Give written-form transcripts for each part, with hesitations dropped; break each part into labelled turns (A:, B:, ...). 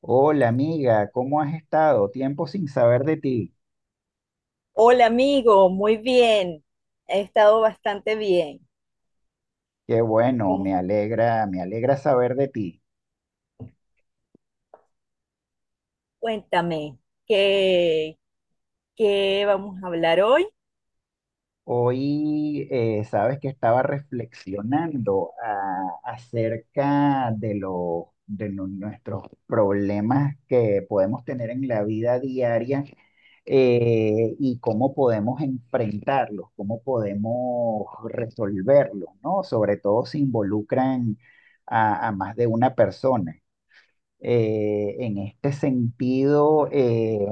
A: Hola amiga, ¿cómo has estado? Tiempo sin saber de ti.
B: Hola amigo, muy bien. He estado bastante bien.
A: Qué bueno,
B: ¿Cómo?
A: me alegra saber de ti.
B: Cuéntame, ¿qué, ¿qué vamos a hablar hoy?
A: Hoy sabes que estaba reflexionando acerca de nuestros problemas que podemos tener en la vida diaria y cómo podemos enfrentarlos, cómo podemos resolverlos, ¿no? Sobre todo si involucran a más de una persona. En este sentido, eh,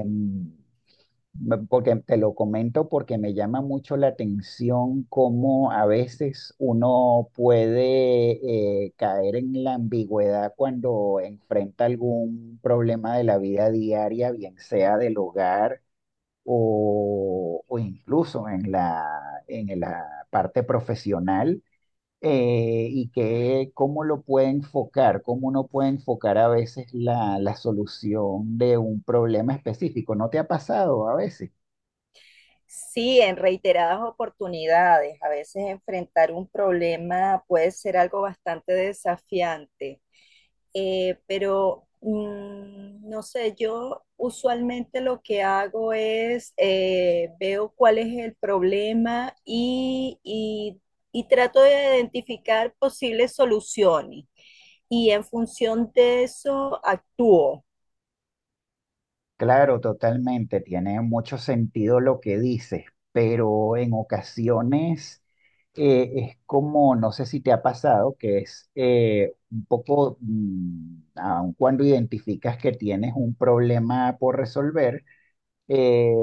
A: me- porque te lo comento porque me llama mucho la atención cómo a veces uno puede caer en la ambigüedad cuando enfrenta algún problema de la vida diaria, bien sea del hogar o incluso en la parte profesional y que cómo lo puede enfocar, cómo uno puede enfocar a veces la solución de un problema específico. ¿No te ha pasado a veces?
B: Sí, en reiteradas oportunidades. A veces enfrentar un problema puede ser algo bastante desafiante. Pero no sé, yo usualmente lo que hago es veo cuál es el problema y trato de identificar posibles soluciones y en función de eso actúo.
A: Claro, totalmente, tiene mucho sentido lo que dices, pero en ocasiones es como, no sé si te ha pasado, que es un poco, aun cuando identificas que tienes un problema por resolver, eh,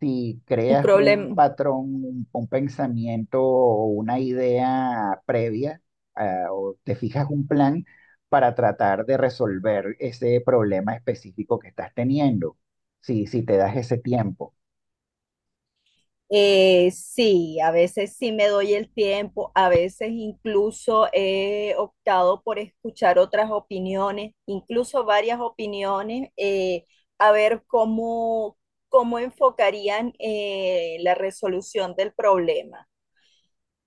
A: si
B: Un
A: creas un
B: problema.
A: patrón, un pensamiento o una idea previa, o te fijas un plan para tratar de resolver ese problema específico que estás teniendo, si te das ese tiempo.
B: Sí, a veces sí me doy el tiempo, a veces incluso he optado por escuchar otras opiniones, incluso varias opiniones. A ver cómo enfocarían la resolución del problema.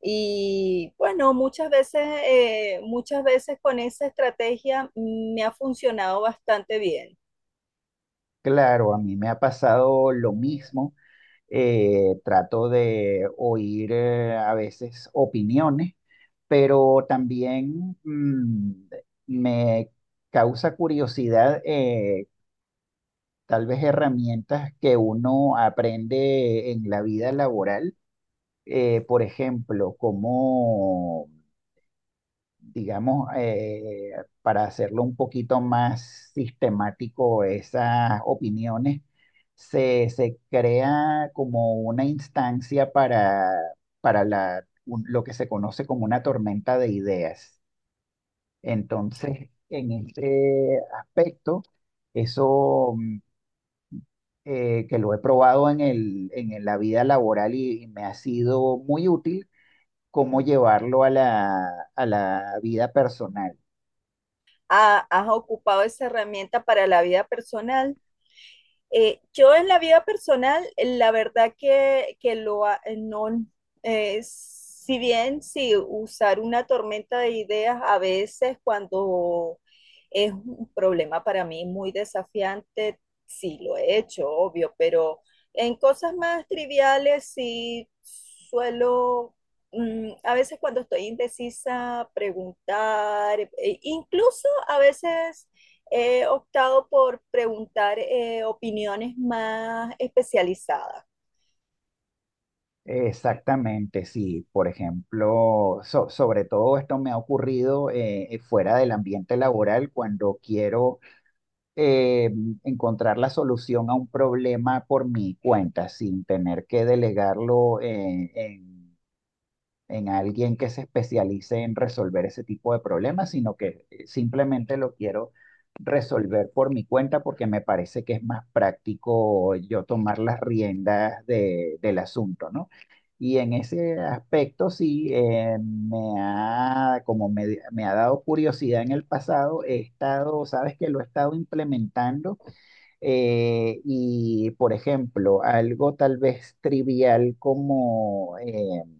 B: Y bueno, muchas veces con esa estrategia me ha funcionado bastante bien.
A: Claro, a mí me ha pasado lo mismo. Trato de oír a veces opiniones, pero también me causa curiosidad tal vez herramientas que uno aprende en la vida laboral, por ejemplo, digamos, para hacerlo un poquito más sistemático, esas opiniones, se crea como una instancia para, lo que se conoce como una tormenta de ideas. Entonces, en este aspecto, eso que lo he probado en la vida laboral y me ha sido muy útil, cómo
B: Mm.
A: llevarlo a a la vida personal.
B: ¿Has ocupado esa herramienta para la vida personal? Yo en la vida personal, la verdad que lo no. Si bien si usar una tormenta de ideas a veces cuando es un problema para mí muy desafiante, sí lo he hecho, obvio, pero en cosas más triviales sí suelo, a veces cuando estoy indecisa, preguntar, incluso a veces he optado por preguntar opiniones más especializadas.
A: Exactamente, sí. Por ejemplo, sobre todo esto me ha ocurrido fuera del ambiente laboral cuando quiero eh, encontrar la solución a un problema por mi cuenta sin tener que delegarlo en alguien que se especialice en resolver ese tipo de problemas, sino que simplemente lo quiero resolver por mi cuenta porque me parece que es más práctico yo tomar las riendas del asunto, ¿no? Y en ese aspecto sí, me ha dado curiosidad en el pasado, he estado, sabes que lo he estado implementando y, por ejemplo, algo tal vez trivial como... em,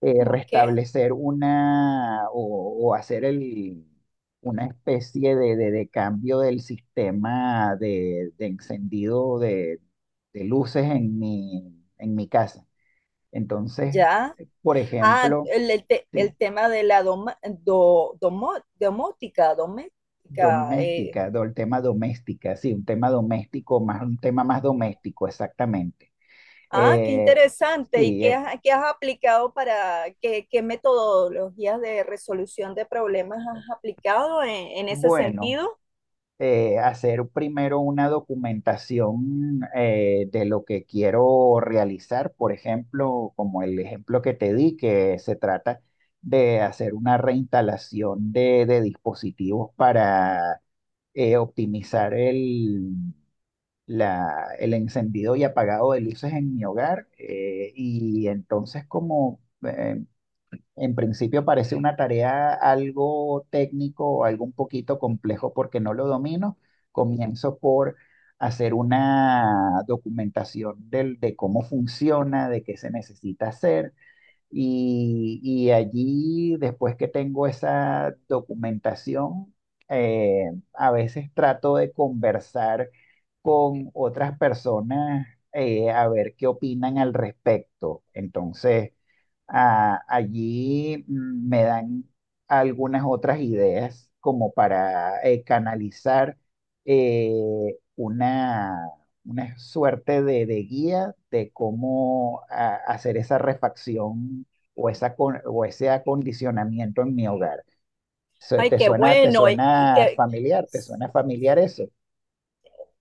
A: eh,
B: ¿Cómo qué?
A: restablecer una o hacer una especie de cambio del sistema de encendido de luces en mi casa. Entonces,
B: Ya.
A: por
B: Ah,
A: ejemplo,
B: el, el te-
A: sí,
B: el tema de la domótica, doméstica.
A: el tema doméstica, sí, un tema doméstico, más un tema más doméstico, exactamente.
B: Ah, qué
A: Eh,
B: interesante. ¿Y
A: sí,
B: qué has aplicado qué metodologías de resolución de problemas has aplicado en ese
A: bueno.
B: sentido?
A: Hacer primero una documentación de lo que quiero realizar, por ejemplo, como el ejemplo que te di, que se trata de hacer una reinstalación de dispositivos para optimizar el encendido y apagado de luces en mi hogar. Y entonces como... en principio parece una tarea algo técnico o algo un poquito complejo porque no lo domino. Comienzo por hacer una documentación de cómo funciona, de qué se necesita hacer. Y allí, después que tengo esa documentación, a veces trato de conversar con otras personas a ver qué opinan al respecto. Entonces ah, allí me dan algunas otras ideas como para canalizar eh, una, una suerte de guía de cómo hacer esa refacción o ese acondicionamiento en mi hogar.
B: Ay, qué
A: Te
B: bueno.
A: suena familiar? ¿Te suena familiar eso?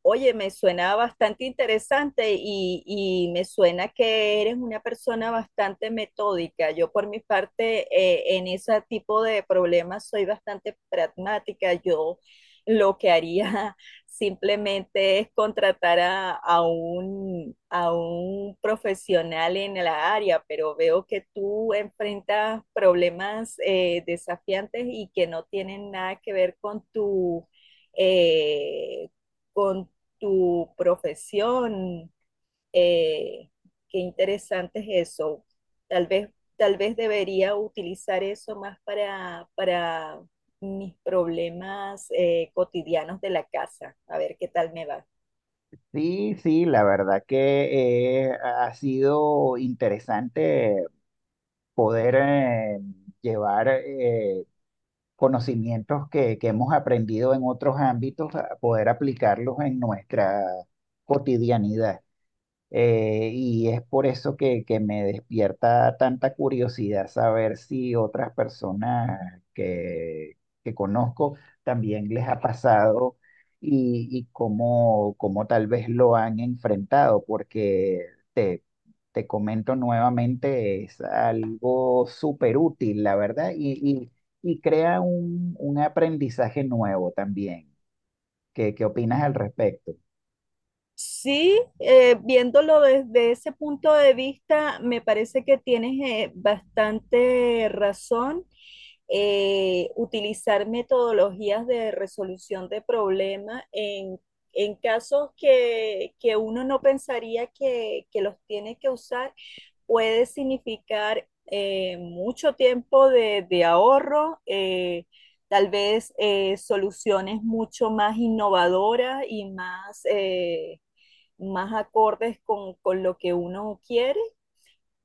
B: Oye, me suena bastante interesante y me suena que eres una persona bastante metódica. Yo por mi parte, en ese tipo de problemas soy bastante pragmática. Yo lo que haría simplemente es contratar a un profesional en la área, pero veo que tú enfrentas problemas desafiantes y que no tienen nada que ver eh, con tu profesión. eh, Qué interesante es eso. Tal vez, tal vez debería utilizar eso más para mis problemas cotidianos de la casa. A ver qué tal me va.
A: Sí, sí, la verdad que ha sido interesante poder llevar conocimientos que hemos aprendido en otros ámbitos, a poder aplicarlos en nuestra cotidianidad. Y es por eso que me despierta tanta curiosidad saber si otras personas que conozco también les ha pasado y cómo, cómo tal vez lo han enfrentado, porque te, te comento nuevamente, es algo súper útil, la verdad, y crea un aprendizaje nuevo también. ¿Qué, qué opinas al respecto?
B: Sí, viéndolo desde ese punto de vista, me parece que tienes bastante razón. Utilizar metodologías de resolución de problemas en casos que uno no pensaría que los tiene que usar puede significar mucho tiempo de ahorro. Tal vez soluciones mucho más innovadoras y más más acordes con lo que uno quiere.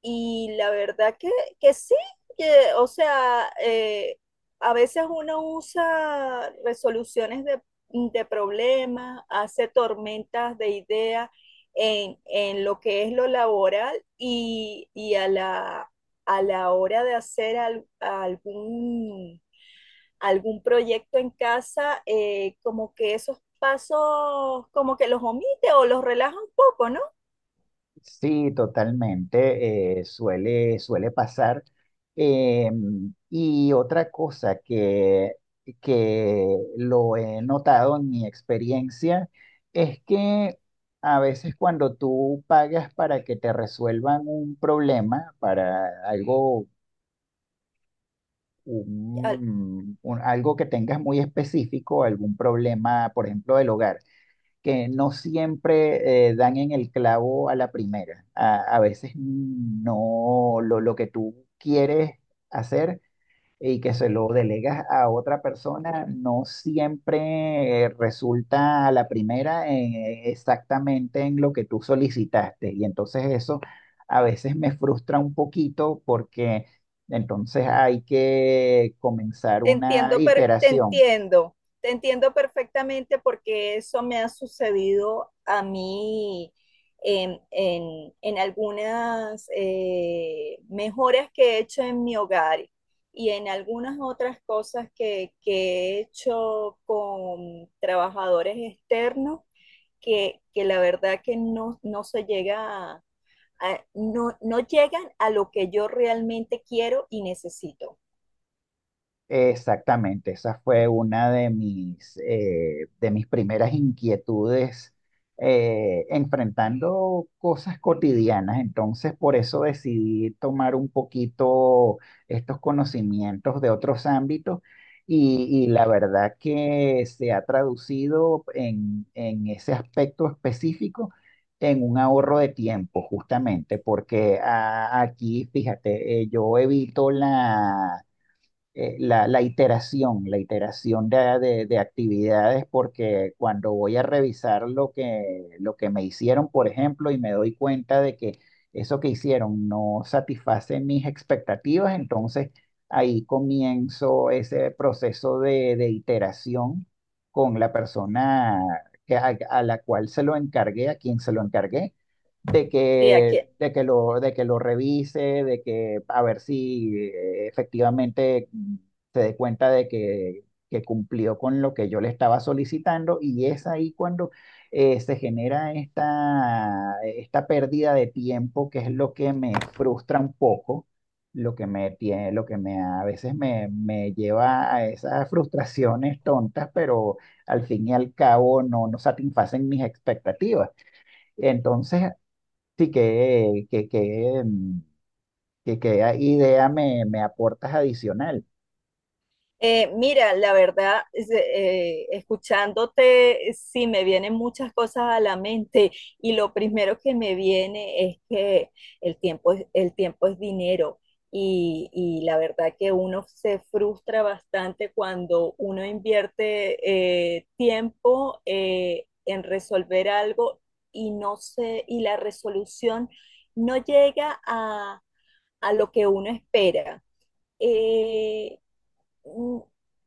B: Y la verdad que sí, que, o sea, a veces uno usa resoluciones de problemas, hace tormentas de ideas en lo que es lo laboral y a a la hora de hacer algún proyecto en casa, como que esos pasos, como que los omite o los relaja un poco, ¿no?
A: Sí, totalmente. Suele pasar. Eh, y otra cosa que lo he notado en mi experiencia es que a veces cuando tú pagas para que te resuelvan un problema, para algo,
B: Al-
A: algo que tengas muy específico, algún problema, por ejemplo, del hogar que no siempre dan en el clavo a la primera. A veces no lo, lo que tú quieres hacer y que se lo delegas a otra persona, no siempre resulta a la primera exactamente en lo que tú solicitaste. Y entonces eso a veces me frustra un poquito porque entonces hay que comenzar
B: Te
A: una
B: entiendo, pero
A: iteración.
B: te entiendo perfectamente porque eso me ha sucedido a mí en algunas mejoras que he hecho en mi hogar y en algunas otras cosas que he hecho con trabajadores externos que la verdad que no se llega a- no llegan a lo que yo realmente quiero y necesito.
A: Exactamente, esa fue una de mis primeras inquietudes enfrentando cosas cotidianas. Entonces, por eso decidí tomar un poquito estos conocimientos de otros ámbitos y la verdad que se ha traducido en ese aspecto específico en un ahorro de tiempo, justamente, porque aquí, fíjate, yo evito la iteración de actividades, porque cuando voy a revisar lo que me hicieron, por ejemplo, y me doy cuenta de que eso que hicieron no satisface mis expectativas, entonces ahí comienzo ese proceso de iteración con la persona a la cual se lo encargué, a quien se lo encargué,
B: Sí, aquí.
A: de que lo revise, de que a ver si efectivamente se dé cuenta que cumplió con lo que yo le estaba solicitando y es ahí cuando esta pérdida de tiempo que es lo que me frustra un poco. Lo que me tiene, lo que me a veces me, me lleva a esas frustraciones tontas, pero al fin y al cabo no, no satisfacen mis expectativas. Entonces, sí, que, mm, que a- idea me aportas adicional.
B: Mira, la verdad, escuchándote, sí me vienen muchas cosas a la mente y lo primero que me viene es que el tiempo es dinero, y la verdad que uno se frustra bastante cuando uno invierte tiempo en resolver algo y no se, y la resolución no llega a lo que uno espera. Eh, mm,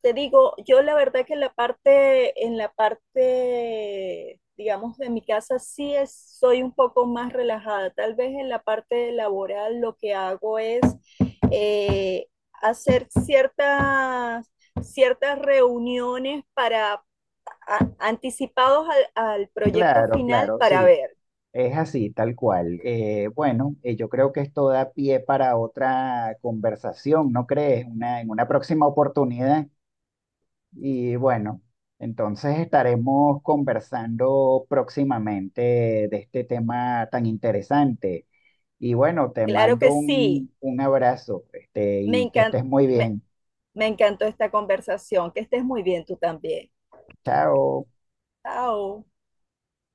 B: te digo, yo la verdad que en la en la parte, digamos, de mi casa sí soy un poco más relajada. Tal vez en la parte laboral lo que hago es eh, hacer ciertas, ciertas reuniones para anticipados al proyecto
A: Claro,
B: final
A: claro,
B: para
A: sí,
B: ver.
A: es así, tal cual. Bueno, yo creo que esto da pie para otra conversación, ¿no crees? En una próxima oportunidad. Y bueno, entonces estaremos conversando próximamente de este tema tan interesante. Y bueno, te
B: Claro
A: mando
B: que sí,
A: un abrazo, este,
B: me
A: y que
B: encan-
A: estés muy
B: me
A: bien.
B: me encantó esta conversación. Que estés muy bien tú también.
A: Chao.
B: Chao.